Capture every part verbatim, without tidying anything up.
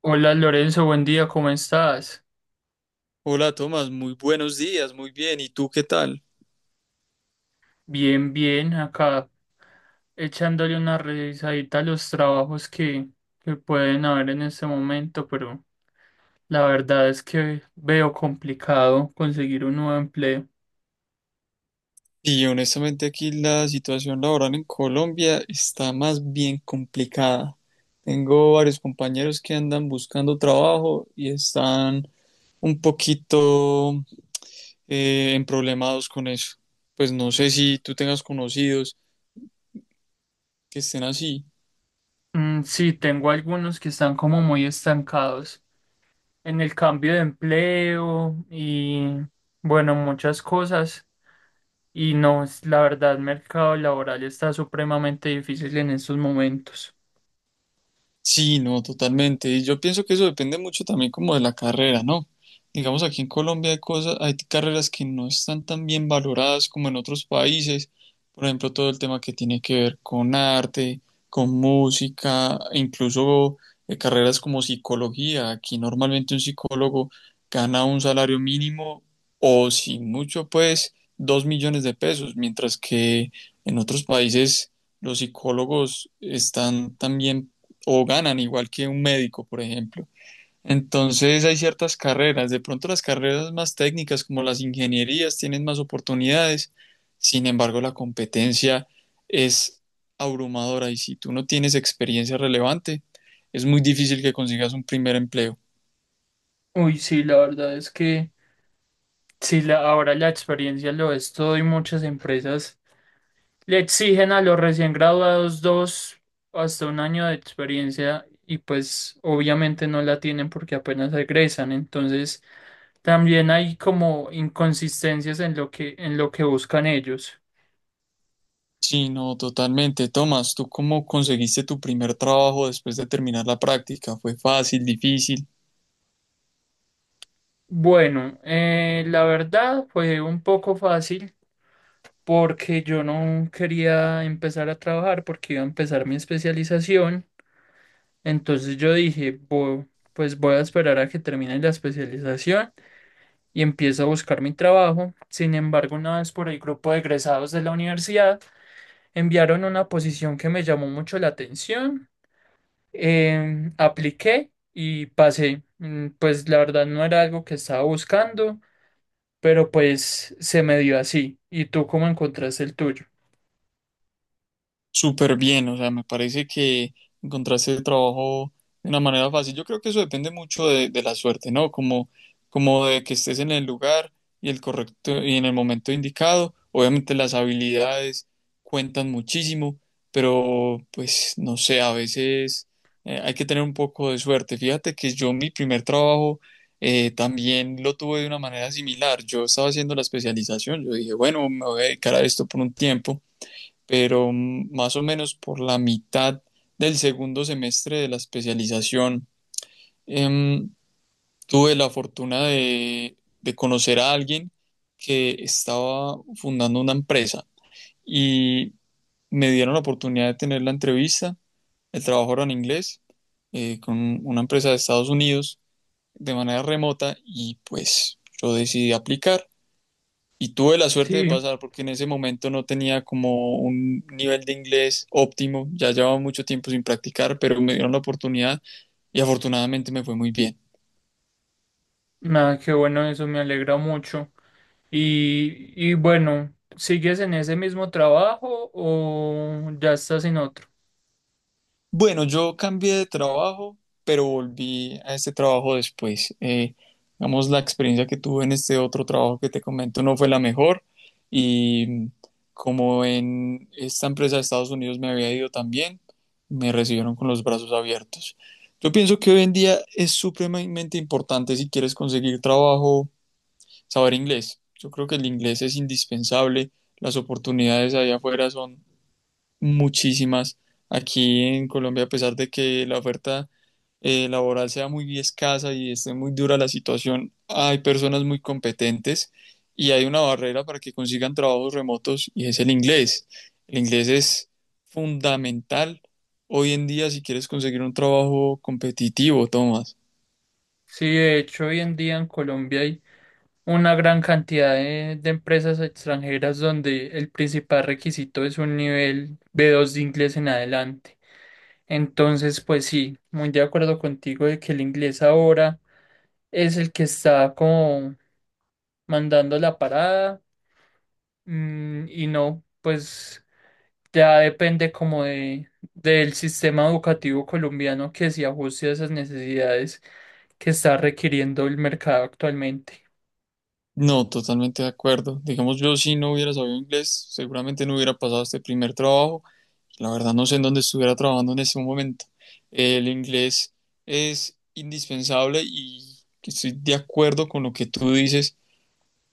Hola Lorenzo, buen día, ¿cómo estás? Hola Tomás, muy buenos días, muy bien. ¿Y tú qué tal? Bien, bien, acá echándole una revisadita a los trabajos que, que pueden haber en este momento, pero la verdad es que veo complicado conseguir un nuevo empleo. Y honestamente aquí la situación laboral en Colombia está más bien complicada. Tengo varios compañeros que andan buscando trabajo y están un poquito eh, emproblemados con eso. Pues no sé si tú tengas conocidos que estén así. Mm, sí, tengo algunos que están como muy estancados en el cambio de empleo y bueno, muchas cosas. Y no, es- la verdad, el mercado laboral está supremamente difícil en estos momentos. Sí, no, totalmente. Y yo pienso que eso depende mucho también como de la carrera, ¿no? Digamos, aquí en Colombia hay cosas, hay carreras que no están tan bien valoradas como en otros países. Por ejemplo, todo el tema que tiene que ver con arte, con música, incluso eh, carreras como psicología. Aquí normalmente un psicólogo gana un salario mínimo o sin mucho, pues, dos millones de pesos, mientras que en otros países los psicólogos están también o ganan igual que un médico, por ejemplo. Entonces hay ciertas carreras, de pronto las carreras más técnicas como las ingenierías tienen más oportunidades, sin embargo la competencia es abrumadora y si tú no tienes experiencia relevante, es muy difícil que consigas un primer empleo. Uy, sí, la verdad es que… Sí, la- ahora la experiencia lo es todo y muchas empresas le exigen a los recién graduados dos hasta un año de experiencia y pues obviamente no la tienen porque apenas egresan. Entonces también hay como inconsistencias en lo que, en lo que buscan ellos. Sí, no, totalmente. Tomás, ¿tú cómo conseguiste tu primer trabajo después de terminar la práctica? ¿Fue fácil, difícil? Bueno, eh, la verdad fue un poco fácil porque yo no quería empezar a trabajar porque iba a empezar mi especialización. Entonces yo dije, "Bo- pues voy a esperar a que termine la especialización y empiezo a buscar mi trabajo". Sin embargo, una vez por el grupo de egresados de la universidad, enviaron una posición que me llamó mucho la atención. Em, apliqué y pasé. Mm, pues la verdad no era algo que estaba buscando, pero pues se me dio así. ¿Y tú cómo encontraste el tuyo? Súper bien, o sea, me parece que encontraste el trabajo de una manera fácil. Yo creo que eso depende mucho de, de la suerte, ¿no? Como, como de que estés en el lugar y el correcto y en el momento indicado. Obviamente las habilidades cuentan muchísimo, pero pues no sé, a veces eh, hay que tener un poco de suerte. Fíjate que yo mi primer trabajo eh, también lo tuve de una manera similar. Yo estaba haciendo la especialización, yo dije, bueno, me voy a dedicar a esto por un tiempo pero mm, más o menos por la mitad del segundo semestre de la especialización, em, tuve la fortuna de, de conocer a alguien que estaba fundando una empresa y me dieron la oportunidad de tener la entrevista. El trabajo era en inglés, eh, con una empresa de Estados Unidos de manera remota y pues yo decidí aplicar. Y tuve la suerte de Sí, pasar porque en ese momento no tenía como un nivel de inglés óptimo, ya llevaba mucho tiempo sin practicar, pero me dieron la oportunidad y afortunadamente me fue muy bien. nada, qué bueno, eso me alegra mucho. Y, y bueno, ¿sigues en ese mismo trabajo o ya estás en otro? Bueno, yo cambié de trabajo, pero volví a este trabajo después. Eh, digamos, la experiencia que tuve en este otro trabajo que te comento no fue la mejor y como en esta empresa de Estados Unidos me había ido también, me recibieron con los brazos abiertos. Yo pienso que hoy en día es supremamente importante si quieres conseguir trabajo, saber inglés. Yo creo que el inglés es indispensable. Las oportunidades allá afuera son muchísimas. Aquí en Colombia, a pesar de que la oferta eh, laboral sea muy escasa y esté muy dura la situación, hay personas muy competentes y hay una barrera para que consigan trabajos remotos y es el inglés. El inglés es fundamental hoy en día si quieres conseguir un trabajo competitivo, Tomás. Sí, de hecho, hoy en día en Colombia hay una gran cantidad de, de empresas extranjeras donde el principal requisito es un nivel b dos de inglés en adelante. Entonces, pues sí, muy de acuerdo contigo de que el inglés ahora es el que está como mandando la parada. Mm, y no, pues ya depende como de, del sistema educativo colombiano que se ajuste a esas necesidades que está requiriendo el mercado actualmente. No, totalmente de acuerdo. Digamos, yo si no hubiera sabido inglés, seguramente no hubiera pasado este primer trabajo. La verdad no sé en dónde estuviera trabajando en este momento. El inglés es indispensable y estoy de acuerdo con lo que tú dices.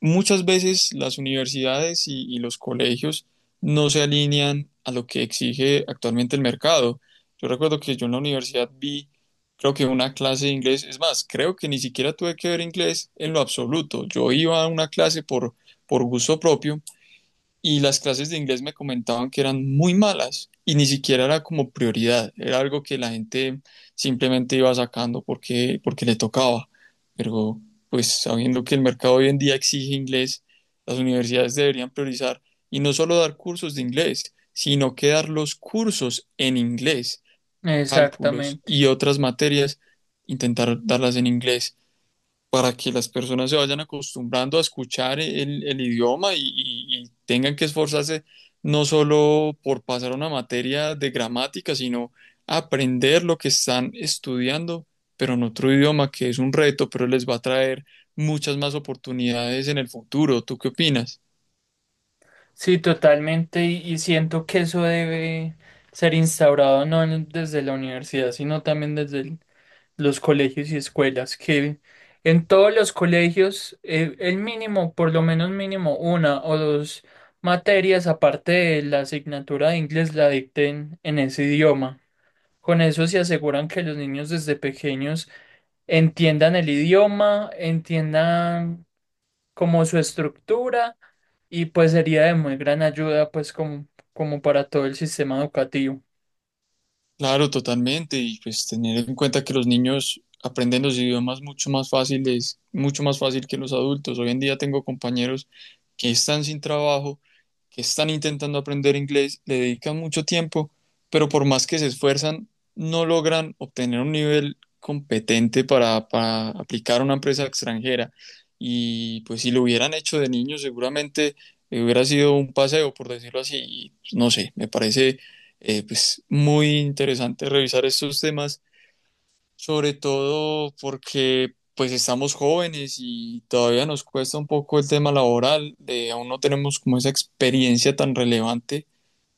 Muchas veces las universidades y, y los colegios no se alinean a lo que exige actualmente el mercado. Yo recuerdo que yo en la universidad vi, creo que una clase de inglés, es más, creo que ni siquiera tuve que ver inglés en lo absoluto. Yo iba a una clase por, por gusto propio y las clases de inglés me comentaban que eran muy malas y ni siquiera era como prioridad, era algo que la gente simplemente iba sacando porque, porque le tocaba. Pero pues sabiendo que el mercado hoy en día exige inglés, las universidades deberían priorizar y no solo dar cursos de inglés, sino que dar los cursos en inglés, cálculos Exactamente. y otras materias, intentar darlas en inglés para que las personas se vayan acostumbrando a escuchar el, el idioma y, y- y tengan que esforzarse no solo por pasar una materia de gramática, sino aprender lo que están estudiando, pero en otro idioma que es un reto, pero les va a traer muchas más oportunidades en el futuro. ¿Tú qué opinas? Sí, totalmente. Y, y siento que eso debe ser instaurado no en- desde la universidad, sino también desde el los colegios y escuelas, que en todos los colegios eh, el mínimo, por lo menos mínimo una o dos materias aparte de la asignatura de inglés la dicten en ese idioma. Con eso se aseguran que los niños desde pequeños entiendan el idioma, entiendan como su estructura y pues sería de muy gran ayuda pues como, como para todo el sistema educativo. Claro, totalmente. Y pues tener en cuenta que los niños aprenden los idiomas mucho más fáciles, mucho más fácil que los adultos. Hoy en día tengo compañeros que están sin trabajo que están intentando aprender inglés, le dedican mucho tiempo, pero por más que se esfuerzan, no logran obtener un nivel competente para, para aplicar a una empresa extranjera. Y pues si lo hubieran hecho de niño, seguramente eh, hubiera sido un paseo, por decirlo así. Y, pues, no sé, me parece eh, pues muy interesante revisar estos temas sobre todo porque pues estamos jóvenes y todavía nos cuesta un poco el tema laboral, eh, aún no tenemos como esa experiencia tan relevante,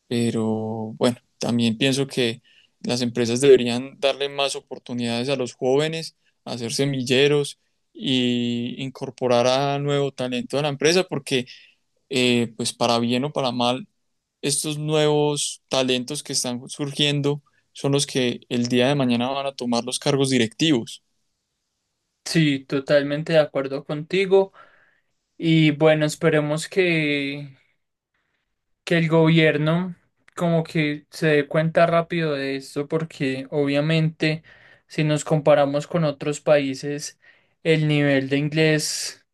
pero bueno, también pienso que las empresas deberían darle más oportunidades a los jóvenes, hacer semilleros y incorporar a nuevo talento a la empresa, porque eh, pues para bien o para mal, estos nuevos talentos que están surgiendo son los que el día de mañana van a tomar los cargos directivos. Sí, totalmente de acuerdo contigo. Y bueno, esperemos que, que el gobierno como que se dé cuenta rápido de esto, porque obviamente si nos comparamos con otros países, el nivel de inglés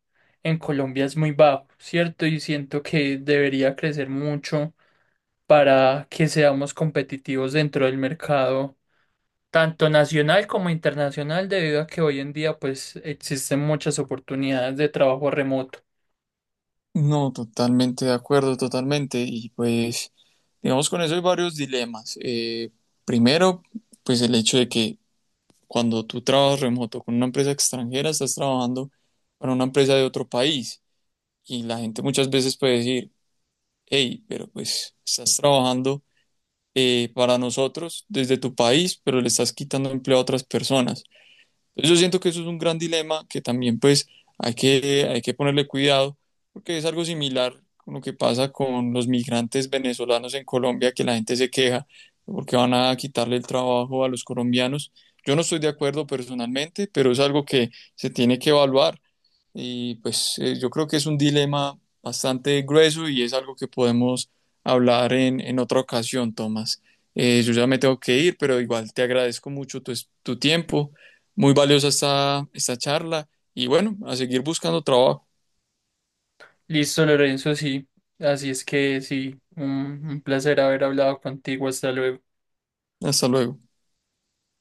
en Colombia es muy bajo, ¿cierto? Y siento que debería crecer mucho para que seamos competitivos dentro del mercado, tanto nacional como internacional, debido a que hoy en día pues existen muchas oportunidades de trabajo remoto. No, totalmente de acuerdo, totalmente. Y pues, digamos, con eso hay varios dilemas. Eh, primero, pues el hecho de que cuando tú trabajas remoto con una empresa extranjera, estás trabajando para una empresa de otro país. Y la gente muchas veces puede decir, hey, pero pues estás trabajando eh, para nosotros desde tu país, pero le estás quitando empleo a otras personas. Entonces yo siento que eso es un gran dilema que también pues hay que, hay que ponerle cuidado porque es algo similar con lo que pasa con los migrantes venezolanos en Colombia, que la gente se queja porque van a quitarle el trabajo a los colombianos. Yo no estoy de acuerdo personalmente, pero es algo que se tiene que evaluar. Y pues eh, yo creo que es un dilema bastante grueso y es algo que podemos hablar en, en otra ocasión, Tomás. Eh, yo ya me tengo que ir, pero igual te agradezco mucho tu, es- tu tiempo. Muy valiosa esta, esta charla y bueno, a seguir buscando trabajo. Listo, Lorenzo, sí. Así es que sí, un, un placer haber hablado contigo. Hasta luego. Hasta luego.